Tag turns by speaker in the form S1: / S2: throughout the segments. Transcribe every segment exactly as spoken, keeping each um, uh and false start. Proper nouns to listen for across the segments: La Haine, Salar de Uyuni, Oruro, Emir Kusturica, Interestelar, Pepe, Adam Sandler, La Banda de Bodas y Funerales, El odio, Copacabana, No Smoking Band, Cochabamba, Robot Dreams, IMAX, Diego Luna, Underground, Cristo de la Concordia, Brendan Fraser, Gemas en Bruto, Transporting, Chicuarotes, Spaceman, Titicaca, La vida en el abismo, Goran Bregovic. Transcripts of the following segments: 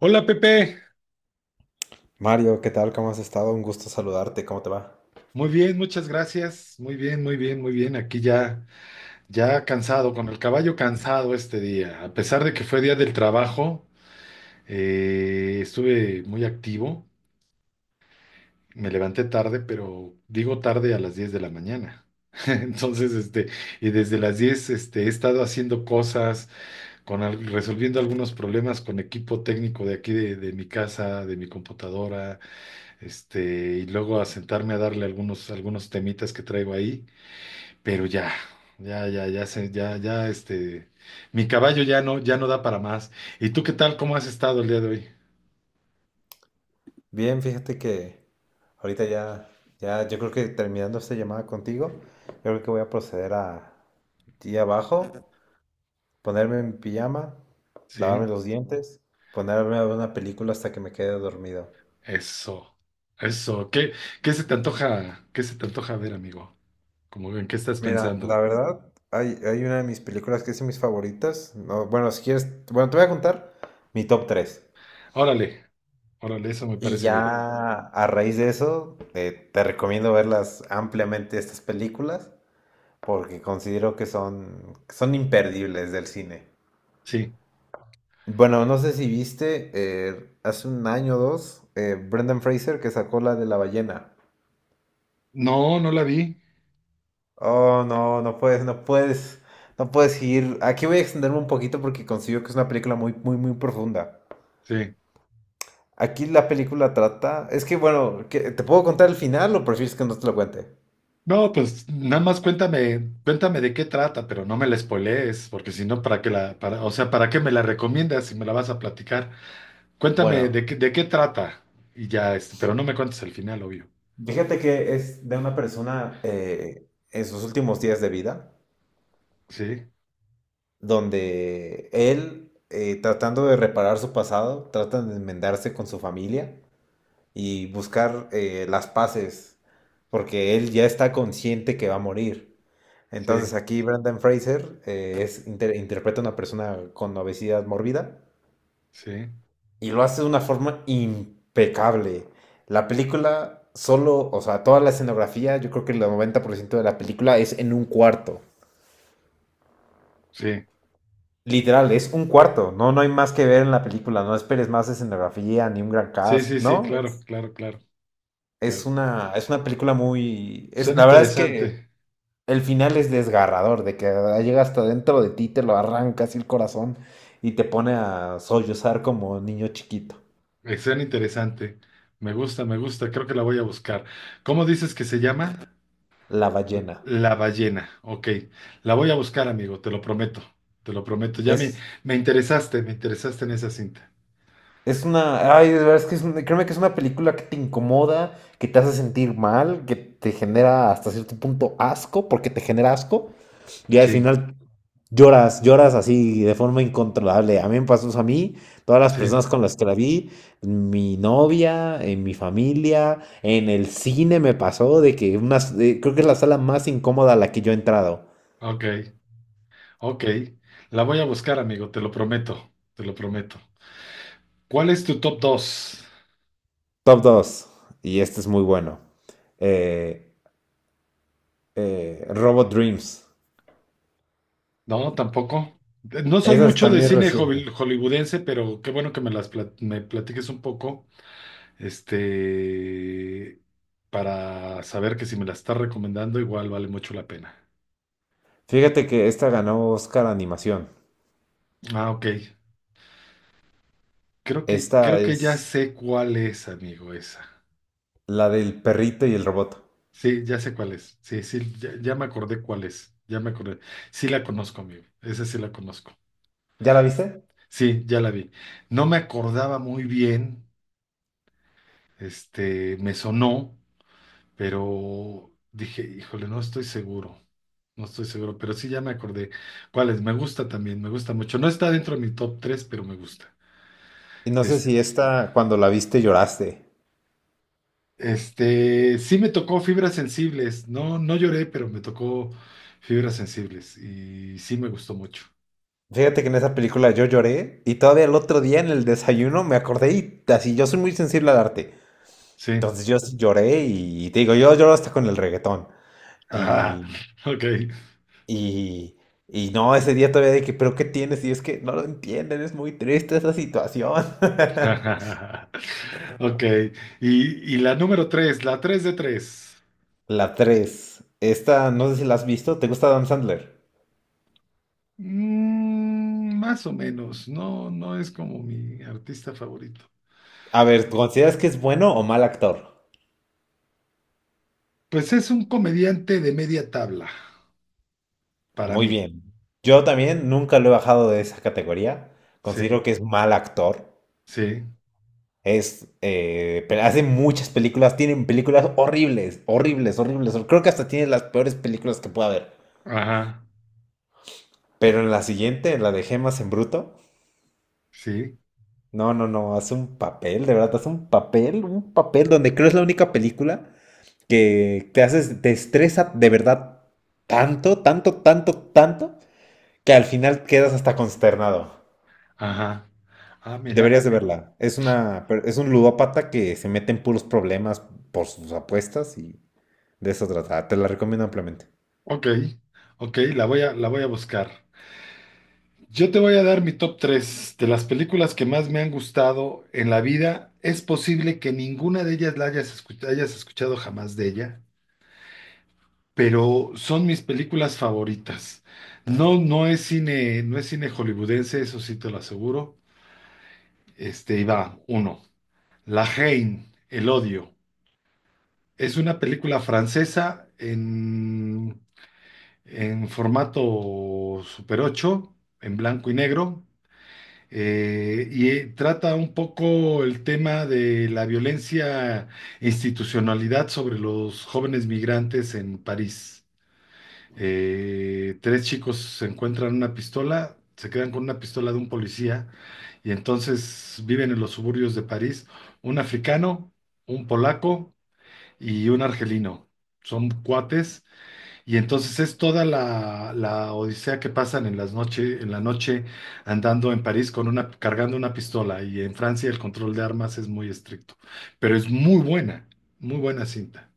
S1: Hola Pepe,
S2: Mario, ¿qué tal? ¿Cómo has estado? Un gusto saludarte. ¿Cómo te va?
S1: muy bien, muchas gracias. Muy bien, muy bien, muy bien. Aquí ya, ya cansado, con el caballo cansado este día. A pesar de que fue día del trabajo, eh, estuve muy activo. Me levanté tarde, pero digo tarde a las diez de la mañana. Entonces, este, y desde las diez este, he estado haciendo cosas, con al- resolviendo algunos problemas con equipo técnico de aquí de, de mi casa, de mi computadora. Este, y luego a sentarme a darle algunos, algunos temitas que traigo ahí, pero ya, ya, ya, ya, se, ya, ya, este, mi caballo ya no, ya no da para más. ¿Y tú qué tal? ¿Cómo has estado el día de hoy?
S2: Bien, fíjate que ahorita ya, ya, yo creo que terminando esta llamada contigo, yo creo que voy a proceder a ir abajo, ponerme en pijama,
S1: Sí,
S2: lavarme los dientes, ponerme a ver una película hasta que me quede dormido.
S1: eso, eso. ¿Qué, ¿qué se te antoja, qué se te antoja ver, amigo? Como en qué estás
S2: Mira, la
S1: pensando?
S2: verdad, hay, hay una de mis películas que es de mis favoritas. No, bueno, si quieres, bueno, te voy a contar mi top tres.
S1: Órale, órale, eso me
S2: Y
S1: parece bien.
S2: ya a raíz de eso, eh, te recomiendo verlas ampliamente estas películas porque considero que son, son imperdibles del cine.
S1: Sí.
S2: Bueno, no sé si viste, eh, hace un año o dos, eh, Brendan Fraser que sacó la de la ballena.
S1: No, no la vi.
S2: Oh, no, no puedes, no puedes, no puedes ir. Aquí voy a extenderme un poquito porque considero que es una película muy, muy, muy profunda.
S1: Sí.
S2: Aquí la película trata, es que bueno, ¿qué- ¿te puedo contar el final o prefieres que no te lo cuente?
S1: No, pues nada más cuéntame, cuéntame de qué trata, pero no me la spoilees, porque si no, ¿para qué la, para, o sea, ¿para qué me la recomiendas si me la vas a platicar? Cuéntame
S2: Bueno,
S1: de qué, de qué trata y ya, este, pero no me cuentes el final, obvio.
S2: Fíjate que es de una persona eh, en sus últimos días de vida,
S1: Sí,
S2: donde él, eh, tratando de reparar su pasado, trata de enmendarse con su familia y buscar eh, las paces, porque él ya está consciente que va a morir.
S1: sí,
S2: Entonces aquí Brendan Fraser eh, es, inter- interpreta a una persona con obesidad mórbida
S1: sí,
S2: y lo hace de una forma impecable. La película solo, o sea, toda la escenografía, yo creo que el noventa por ciento de la película es en un cuarto.
S1: sí,
S2: Literal, es un cuarto, no, no hay más que ver en la película, no esperes más escenografía ni un gran
S1: sí,
S2: cast,
S1: sí, sí,
S2: ¿no?
S1: claro,
S2: Es,
S1: claro, claro,
S2: es
S1: claro.
S2: una, es una película muy. Es,
S1: Suena
S2: la verdad es que
S1: interesante,
S2: el final es desgarrador, de que llega hasta dentro de ti, te lo arranca así el corazón y te pone a sollozar como niño chiquito,
S1: eh, suena interesante. Me gusta, me gusta, creo que la voy a buscar. ¿Cómo dices que se llama?
S2: la ballena.
S1: La ballena, ok. La voy a buscar, amigo, te lo prometo, te lo prometo. Ya me,
S2: Es,
S1: me interesaste, me interesaste en esa cinta.
S2: Es una, ay, de verdad es que es, una- créeme que es una película que te incomoda, que te hace sentir mal, que te genera hasta cierto punto asco, porque te genera asco, y al
S1: Sí,
S2: final lloras, lloras así de forma incontrolable. A mí me pasó eso a mí, todas las
S1: sí,
S2: personas con las que la vi, mi novia, en mi familia, en el cine me pasó de que una de- creo que es la sala más incómoda a la que yo he entrado.
S1: ok, ok. La voy a buscar, amigo, te lo prometo, te lo prometo. ¿Cuál es tu top dos?
S2: Top dos y este es muy bueno. Eh, eh, Robot Dreams.
S1: No, tampoco. No soy
S2: Esa es-
S1: mucho de
S2: también es
S1: cine
S2: reciente.
S1: holly- hollywoodense, pero qué bueno que me las plat- me platiques un poco, este, para saber que si me las estás recomendando, igual vale mucho la pena.
S2: Fíjate que esta ganó Oscar a Animación.
S1: Ah, ok. Creo que,
S2: Esta
S1: creo que ya
S2: es
S1: sé cuál es, amigo, esa.
S2: la del perrito y el robot.
S1: Sí, ya sé cuál es. Sí, sí, ya, ya me acordé cuál es. Ya me acordé. Sí la conozco, amigo. Esa sí la conozco.
S2: ¿Ya la viste?
S1: Sí, ya la vi. No me acordaba muy bien, este, me sonó, pero dije, híjole, no estoy seguro. No estoy seguro, pero sí ya me acordé cuál es. Me gusta también, me gusta mucho. No está dentro de mi top tres pero me gusta.
S2: Y no sé si esta, cuando la viste, lloraste.
S1: Este, sí me tocó fibras sensibles. No, no lloré, pero me tocó fibras sensibles y sí me gustó mucho.
S2: Fíjate que en esa película yo lloré y todavía el otro día en el desayuno me acordé y así yo soy muy sensible al arte.
S1: Sí.
S2: Entonces yo sí lloré y, te digo, yo lloro hasta con el reggaetón.
S1: Ajá.
S2: Y,
S1: Ok.
S2: y, y no, ese día todavía dije, pero ¿qué tienes? Y es que no lo entienden, es muy triste esa situación.
S1: Ok. Y, y la número tres, la tres de tres.
S2: La tres. Esta, no sé si la has visto. ¿Te gusta Adam Sandler?
S1: Mm, más o menos. No, no es como mi artista favorito.
S2: A ver, ¿consideras que es bueno o mal actor?
S1: Pues es un comediante de media tabla para
S2: Muy
S1: mí.
S2: bien. Yo también nunca lo he bajado de esa categoría.
S1: Sí,
S2: Considero que es mal actor.
S1: sí.
S2: Es, eh, pe- hace muchas películas, tienen películas horribles, horribles, horribles. Creo que hasta tiene las peores películas que pueda haber.
S1: Ajá.
S2: Pero en la siguiente, en la de Gemas en Bruto,
S1: Sí.
S2: no, no, no, hace un papel, de verdad, hace un papel, un papel donde creo es la única película que te haces, te estresa de verdad tanto, tanto, tanto, tanto, que al final quedas hasta consternado.
S1: Ajá. Ah, mira.
S2: Deberías de verla. Es una, per- es un ludópata que se mete en puros problemas por sus apuestas y de eso trata. Ah, Te la recomiendo ampliamente.
S1: Ok, ok, la voy a, la voy a buscar. Yo te voy a dar mi top tres de las películas que más me han gustado en la vida. Es posible que ninguna de ellas la hayas, escu- hayas escuchado jamás de ella, pero son mis películas favoritas. No, no es cine, no es cine hollywoodense, eso sí te lo aseguro. Este, y va, uno. La Haine, El odio. Es una película francesa en, en formato Super ocho en blanco y negro eh, y eh, trata un poco el tema de la violencia e institucionalidad sobre los jóvenes migrantes en París. Eh, tres chicos se encuentran una pistola, se quedan con una pistola de un policía y entonces viven en los suburbios de París, un africano, un polaco y un argelino. Son cuates y entonces es toda la, la odisea que pasan en las noche, en la noche andando en París con una, cargando una pistola. Y en Francia el control de armas es muy estricto. Pero es muy buena, muy buena cinta.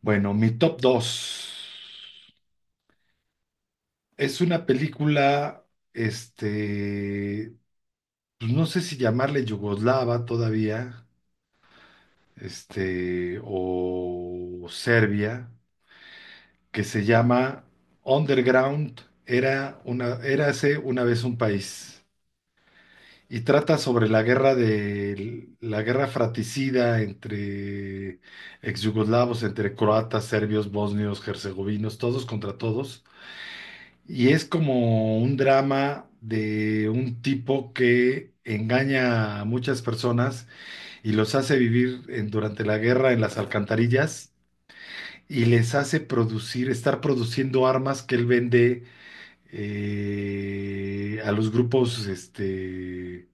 S1: Bueno, mi top dos es una película, este, pues no sé si llamarle yugoslava todavía, este, o Serbia, que se llama Underground, era una, érase una vez un país. Y trata sobre la guerra de la guerra fratricida entre exyugoslavos, entre croatas, serbios, bosnios, herzegovinos, todos contra todos. Y es como un drama de un tipo que engaña a muchas personas y los hace vivir en- durante la guerra en las alcantarillas y les hace producir, estar produciendo armas que él vende eh, a los grupos este,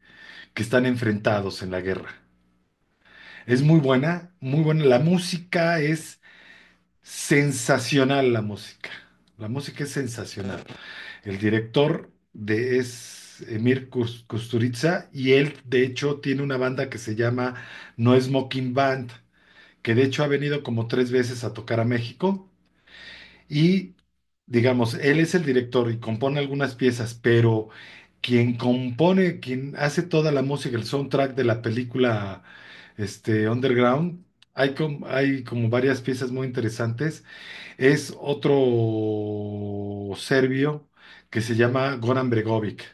S1: que están enfrentados en la guerra. Es muy buena, muy buena. La música es sensacional, la música. La música es sensacional. El director de es Emir Kus- Kusturica y él, de hecho, tiene una banda que se llama No Smoking Band, que de hecho ha venido como tres veces a tocar a México. Y, digamos, él es el director y compone algunas piezas, pero quien compone, quien hace toda la música, el soundtrack de la película este, Underground, hay, com- hay como varias piezas muy interesantes. Es otro serbio que se llama Goran Bregovic,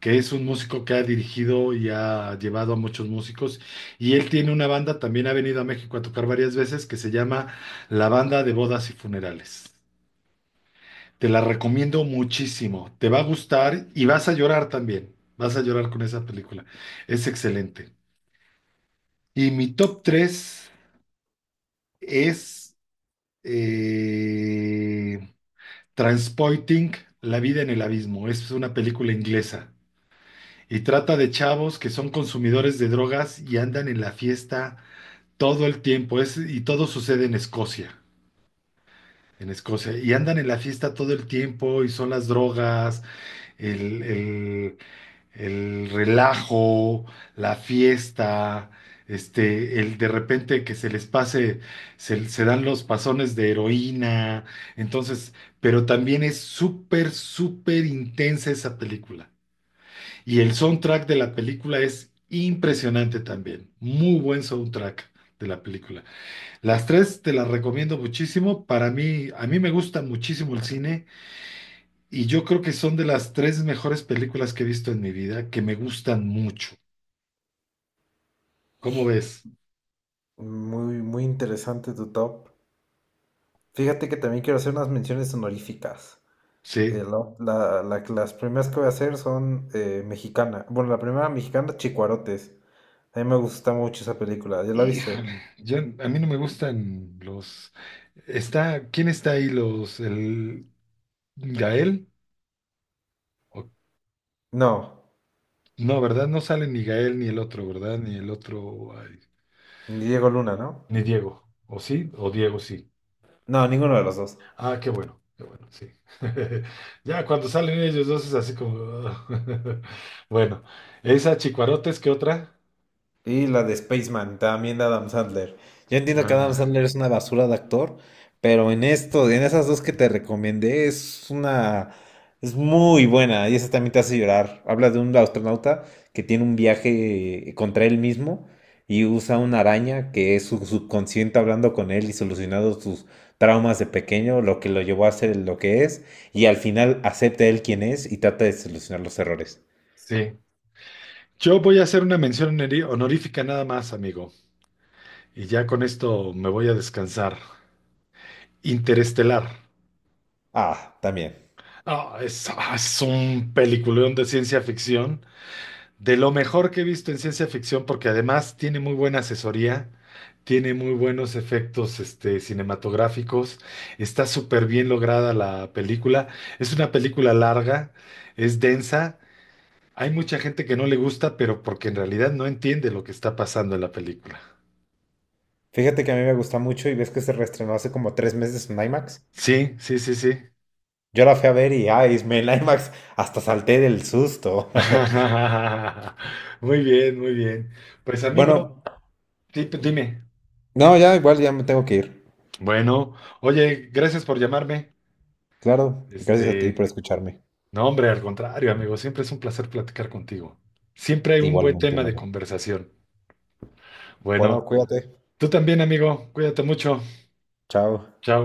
S1: que es un músico que ha dirigido y ha llevado a muchos músicos. Y él tiene una banda, también ha venido a México a tocar varias veces, que se llama La Banda de Bodas y Funerales. Te la recomiendo muchísimo. Te va a gustar y vas a llorar también. Vas a llorar con esa película. Es excelente. Y mi top tres es eh, Transporting, La vida en el abismo. Es una película inglesa y trata de chavos que son consumidores de drogas y andan en la fiesta todo el tiempo. Es, y todo sucede en Escocia. En Escocia. Y andan en la fiesta todo el tiempo y son las drogas, el, el- el relajo, la fiesta, este, el de repente que se les pase, se, se dan los pasones de heroína, entonces, pero también es súper, súper intensa esa película. Y el soundtrack de la película es impresionante también, muy buen soundtrack. De la película. Las tres te las recomiendo muchísimo. Para mí, a mí me gusta muchísimo el cine y yo creo que son de las tres mejores películas que he visto en mi vida, que me gustan mucho. ¿Cómo ves?
S2: Muy, muy interesante tu top. Fíjate que también quiero hacer unas menciones honoríficas. Eh,
S1: Sí.
S2: la- la- la- las primeras que voy a hacer son eh, mexicana. Bueno, la primera mexicana, Chicuarotes. A mí me gusta mucho esa película. ¿Ya la viste?
S1: Híjole, yo a mí no me gustan los. Está, ¿quién está ahí? Los, el Gael. O-
S2: No.
S1: no, ¿verdad? No sale ni Gael ni el otro, ¿verdad? Ni el otro, ay,
S2: Diego Luna, ¿no?
S1: ni Diego. ¿O sí? O Diego sí.
S2: No, ninguno de los dos.
S1: Ah, qué bueno, qué bueno, sí. Ya cuando salen ellos dos es así como. Bueno, esa Chicuarotes, ¿qué otra?
S2: Y la de Spaceman, también de Adam Sandler. Yo entiendo que Adam
S1: Ah,
S2: Sandler es una basura de actor, pero en esto, en esas dos que te recomendé, es una, es muy buena y esa también te hace llorar. Habla de un astronauta que tiene un viaje eh, contra él mismo y usa una araña que es su subconsciente hablando con él y solucionando sus traumas de pequeño, lo que lo llevó a ser lo que es, y al final acepta él quien es y trata de solucionar los errores.
S1: sí. Yo voy a hacer una mención honori- honorífica nada más, amigo. Y ya con esto me voy a descansar. Interestelar.
S2: Ah, también.
S1: Ah, es, ah, es un peliculón de ciencia ficción, de lo mejor que he visto en ciencia ficción, porque además tiene muy buena asesoría, tiene muy buenos efectos este, cinematográficos, está súper bien lograda la película. Es una película larga, es densa. Hay mucha gente que no le gusta, pero porque en realidad no entiende lo que está pasando en la película.
S2: Fíjate que a mí me gusta mucho y ves que se reestrenó hace como tres meses en IMAX.
S1: Sí, sí, sí, sí.
S2: Yo la fui a ver y, ay, me en IMAX hasta salté del susto.
S1: Muy bien, muy bien. Pues amigo,
S2: Bueno,
S1: di- dime.
S2: no, ya igual ya me tengo que ir.
S1: Bueno, oye, gracias por llamarme.
S2: Claro, gracias a ti por
S1: Este,
S2: escucharme.
S1: no, hombre, al contrario, amigo, siempre es un placer platicar contigo. Siempre hay un buen
S2: Igualmente,
S1: tema de
S2: Mario.
S1: conversación. Bueno,
S2: Bueno, cuídate.
S1: tú también, amigo, cuídate mucho.
S2: Chao.
S1: Chao.